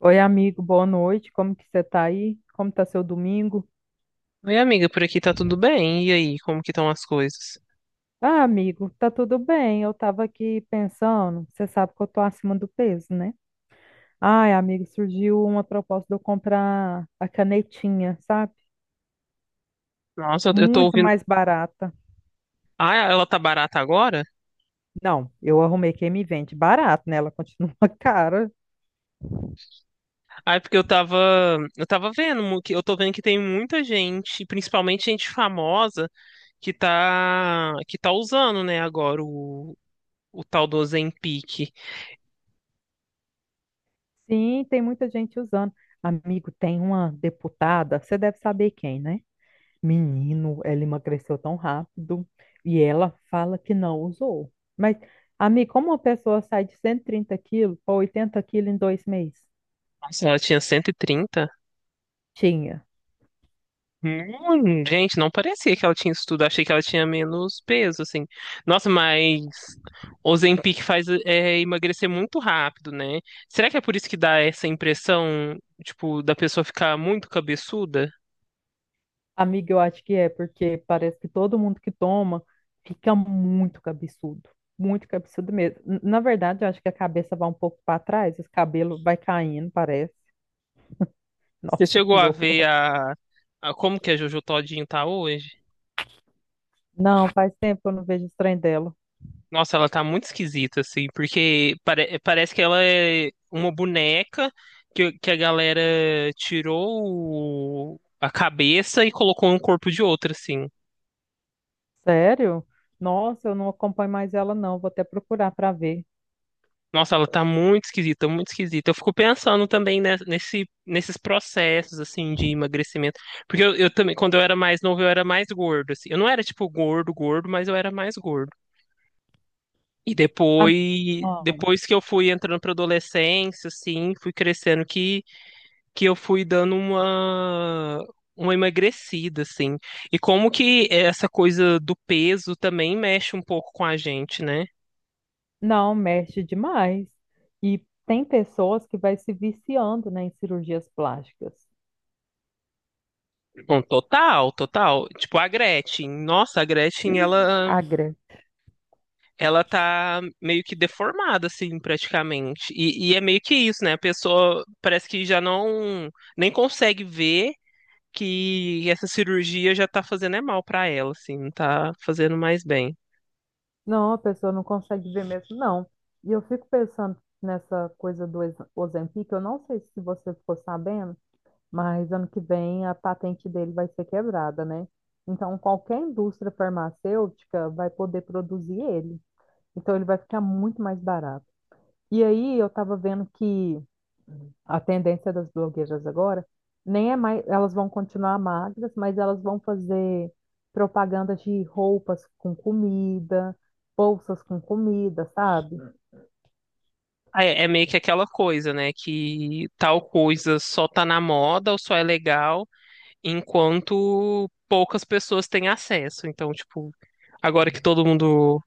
Oi, amigo, boa noite. Como que você tá aí? Como tá seu domingo? Oi, amiga, por aqui tá tudo bem? E aí, como que estão as coisas? Ah, amigo, tá tudo bem. Eu tava aqui pensando, você sabe que eu tô acima do peso, né? Ai, amigo, surgiu uma proposta de eu comprar a canetinha, sabe? Nossa, eu tô Muito ouvindo. mais barata. Ah, ela tá barata agora? Não, eu arrumei quem me vende barato, né? Ela continua cara. Ah, é porque eu tava vendo, que eu tô vendo que tem muita gente, principalmente gente famosa, que tá usando, né, o tal do Ozempic. Sim, tem muita gente usando. Amigo, tem uma deputada, você deve saber quem, né? Menino, ela emagreceu tão rápido e ela fala que não usou. Mas, amiga, como uma pessoa sai de 130 quilos para 80 quilos em 2 meses? Nossa, ela tinha 130. Tinha. Gente, não parecia que ela tinha isso tudo. Achei que ela tinha menos peso, assim. Nossa, mas Ozempic faz é, emagrecer muito rápido, né? Será que é por isso que dá essa impressão, tipo, da pessoa ficar muito cabeçuda? Amiga, eu acho que é, porque parece que todo mundo que toma fica muito cabeçudo. Muito cabeçudo mesmo. Na verdade, eu acho que a cabeça vai um pouco para trás, os cabelos vai caindo, parece. Você Nossa, chegou que a ver horror. A como que a Jojo Todinho tá hoje? Não, faz tempo que eu não vejo o trem dela. Nossa, ela tá muito esquisita, assim, porque parece que ela é uma boneca que a galera tirou a cabeça e colocou no corpo de outra, assim. Sério? Nossa, eu não acompanho mais ela, não. Vou até procurar para ver. Nossa, ela tá muito esquisita, muito esquisita. Eu fico pensando também nesses processos, assim, de emagrecimento. Porque eu também, quando eu era mais novo, eu era mais gordo, assim. Eu não era, tipo, gordo, gordo, mas eu era mais gordo. E A mi- ah, depois que eu fui entrando pra adolescência, assim, fui crescendo, que eu fui dando uma emagrecida, assim. E como que essa coisa do peso também mexe um pouco com a gente, né? Não, mexe demais. E tem pessoas que vai se viciando, né, em cirurgias plásticas. Com total, total. Tipo, a Gretchen. Nossa, a Gretchen, Agra. ela tá meio que deformada, assim, praticamente. E é meio que isso, né? A pessoa parece que já não, nem consegue ver que essa cirurgia já tá fazendo é mal pra ela, assim, não tá fazendo mais bem. Não, a pessoa não consegue ver mesmo, não. E eu fico pensando nessa coisa do Ozempic, eu não sei se você ficou sabendo, mas ano que vem a patente dele vai ser quebrada, né? Então qualquer indústria farmacêutica vai poder produzir ele. Então ele vai ficar muito mais barato. E aí eu estava vendo que a tendência das blogueiras agora nem é mais, elas vão continuar magras, mas elas vão fazer propaganda de roupas com comida, bolsas com comida, sabe? Ah, é é meio que aquela coisa, né? Que tal coisa só tá na moda ou só é legal enquanto poucas pessoas têm acesso. Então, tipo, agora que todo mundo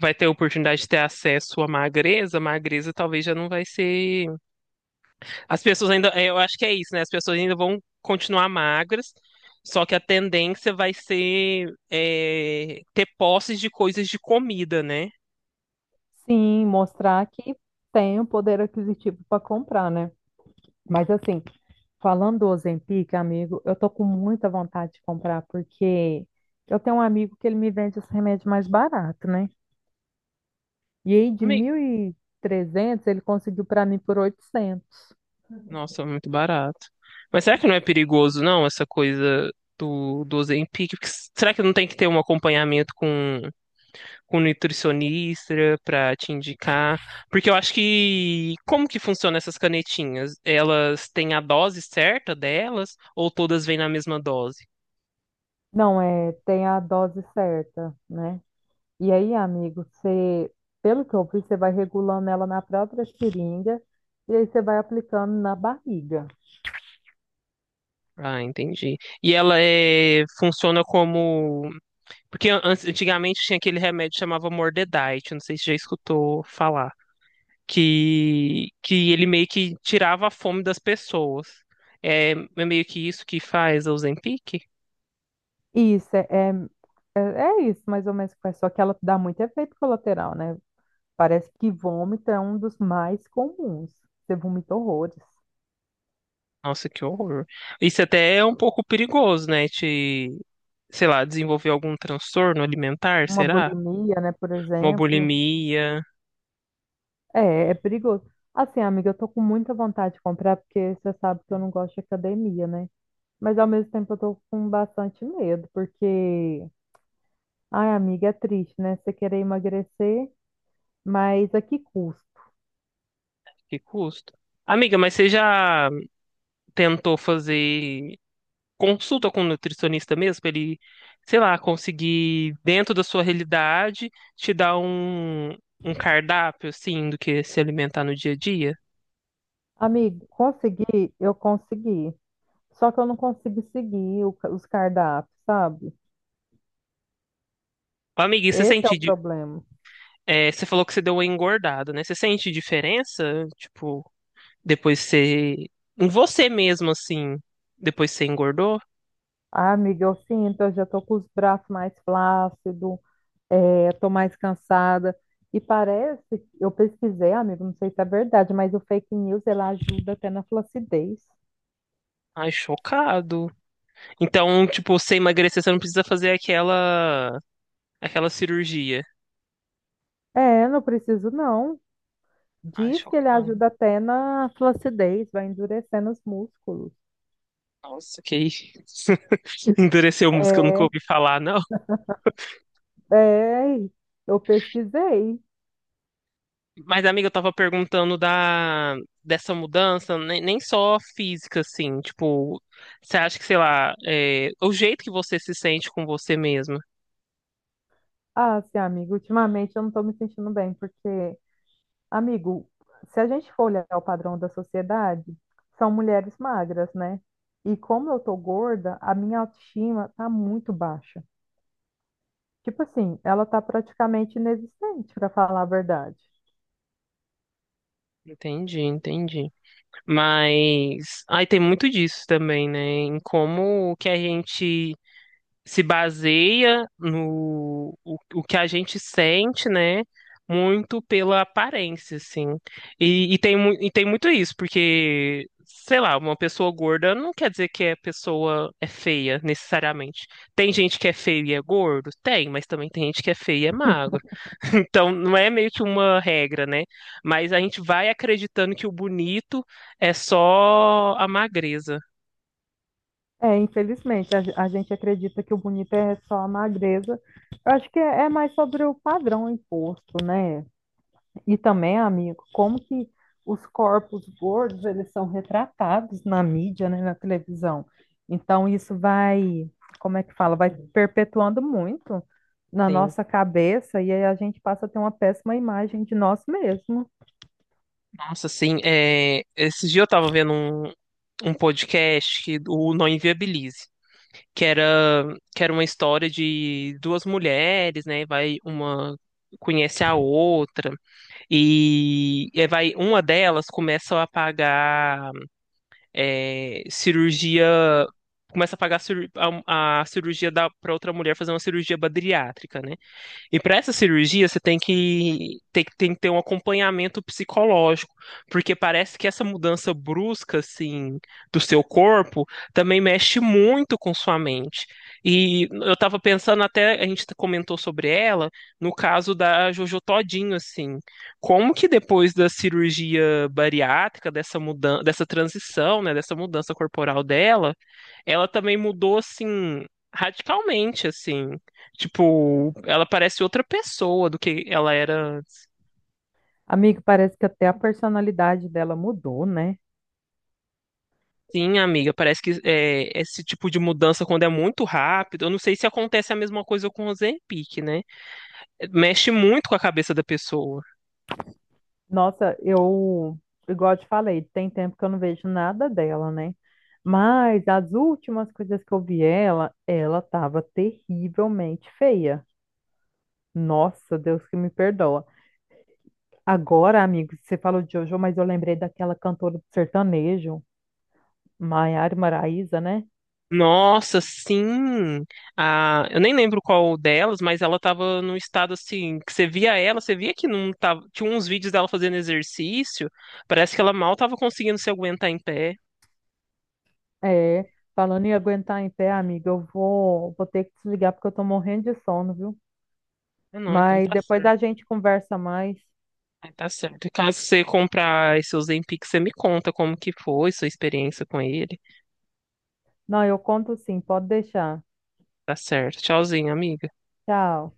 vai ter a oportunidade de ter acesso à magreza, a magreza talvez já não vai ser. As pessoas ainda, é, eu acho que é isso, né? As pessoas ainda vão continuar magras, só que a tendência vai ser é, ter posses de coisas de comida, né? Sim, mostrar que tem o poder aquisitivo para comprar, né? Mas assim, falando do Ozempic, amigo, eu tô com muita vontade de comprar porque eu tenho um amigo que ele me vende esse remédio mais barato, né? E aí de Amei. 1.300 ele conseguiu para mim por 800. Nossa, muito barato. Mas será que não é perigoso, não, essa coisa do Ozempic? Porque será que não tem que ter um acompanhamento com nutricionista para te indicar, porque eu acho que como que funciona essas canetinhas? Elas têm a dose certa delas ou todas vêm na mesma dose? Não, é, tem a dose certa, né? E aí, amigo, você, pelo que eu vi, você vai regulando ela na própria seringa e aí você vai aplicando na barriga. Ah, entendi. E ela é funciona como porque antigamente tinha aquele remédio que chamava Mordedite, não sei se já escutou falar, que ele meio que tirava a fome das pessoas. É, é meio que isso que faz a Ozempic? Isso, é, é, é é isso mais ou menos que faz, só que ela dá muito efeito colateral, né? Parece que vômito é um dos mais comuns. Você vomita horrores. Nossa, que horror. Isso até é um pouco perigoso, né? Te, sei lá, desenvolver algum transtorno alimentar, Uma será? bulimia, né, por Uma exemplo. bulimia, É, é perigoso. Assim, amiga, eu tô com muita vontade de comprar, porque você sabe que eu não gosto de academia, né? Mas ao mesmo tempo eu tô com bastante medo, porque, ai, amiga, é triste, né? Você querer emagrecer, mas a que custo? que custa? Amiga, mas você já tentou fazer consulta com um nutricionista mesmo, pra ele, sei lá, conseguir, dentro da sua realidade, te dar um cardápio, assim, do que se alimentar no dia a dia? Amigo, consegui, eu consegui. Só que eu não consigo seguir o os cardápios, sabe? Ô, amiga, e você Esse é sente, o problema. é, você falou que você deu uma engordada, né? Você sente diferença, tipo, depois você. Em você mesmo, assim. Depois você engordou? Ai, amiga, eu sinto, eu já tô com os braços mais flácidos, é, tô mais cansada. E parece, eu pesquisei, amigo, não sei se é verdade, mas o fake news, ela ajuda até na flacidez. Ai, chocado. Então, tipo, você emagrecer, você não precisa fazer aquela. Aquela cirurgia. É, não preciso não. Ai, Diz que ele chocado. ajuda até na flacidez, vai endurecendo os músculos. Nossa, que isso. Endureceu música, eu nunca É, ouvi falar, não. é, eu pesquisei. Mas, amiga, eu tava perguntando da dessa mudança, nem, nem só física, assim, tipo, você acha que, sei lá, é, o jeito que você se sente com você mesma. Ah, sim, amigo, ultimamente eu não estou me sentindo bem, porque, amigo, se a gente for olhar o padrão da sociedade, são mulheres magras, né? E como eu tô gorda, a minha autoestima tá muito baixa. Tipo assim, ela tá praticamente inexistente, para falar a verdade. Entendi, entendi. Mas aí tem muito disso também, né? Em como que a gente se baseia no o que a gente sente, né? Muito pela aparência, assim. E tem, e tem muito isso, porque, sei lá, uma pessoa gorda não quer dizer que a pessoa é feia, necessariamente. Tem gente que é feio e é gordo? Tem, mas também tem gente que é feio e é magro. Então, não é meio que uma regra, né? Mas a gente vai acreditando que o bonito é só a magreza, É, infelizmente, a gente acredita que o bonito é só a magreza. Eu acho que é, é mais sobre o padrão imposto, né? E também, amigo, como que os corpos gordos, eles são retratados na mídia, né, na televisão. Então, isso vai, como é que fala? Vai perpetuando muito na sim. nossa cabeça e aí a gente passa a ter uma péssima imagem de nós mesmos. Nossa, assim, é, esses dias eu tava vendo um podcast que o Não Inviabilize, que era, que era uma história de duas mulheres, né? Vai uma conhece a outra e vai uma delas começa a pagar é, cirurgia, começa a pagar a cirurgia da para outra mulher fazer uma cirurgia bariátrica, né? E para essa cirurgia, você tem tem que ter um acompanhamento psicológico, porque parece que essa mudança brusca, assim, do seu corpo também mexe muito com sua mente. E eu estava pensando até, a gente comentou sobre ela, no caso da Jojo Todinho, assim, como que depois da cirurgia bariátrica, dessa mudança, dessa transição, né, dessa mudança corporal dela, ela também mudou, assim, radicalmente, assim. Tipo, ela parece outra pessoa do que ela era. Amigo, parece que até a personalidade dela mudou, né? Sim, amiga, parece que é, esse tipo de mudança, quando é muito rápido, eu não sei se acontece a mesma coisa com o Ozempic, né? Mexe muito com a cabeça da pessoa. Nossa, eu, igual eu te falei, tem tempo que eu não vejo nada dela, né? Mas as últimas coisas que eu vi ela, ela tava terrivelmente feia. Nossa, Deus que me perdoa. Agora, amigo, você falou de Jojo, mas eu lembrei daquela cantora do sertanejo, Maiara Maraíza, né? Nossa, sim! Ah, eu nem lembro qual delas, mas ela tava num estado assim, que você via ela, você via que não tava. Tinha uns vídeos dela fazendo exercício, parece que ela mal tava conseguindo se aguentar em pé. É, falando em aguentar em pé, amiga, eu vou, vou ter que desligar porque eu tô morrendo de sono, viu? Ah, não, então Mas tá depois a certo. gente conversa mais. Ah, tá certo. Caso você comprar esse Ozempic, você me conta como que foi, sua experiência com ele. Não, eu conto sim, pode deixar. Tá certo. Tchauzinho, amigo. Tchau.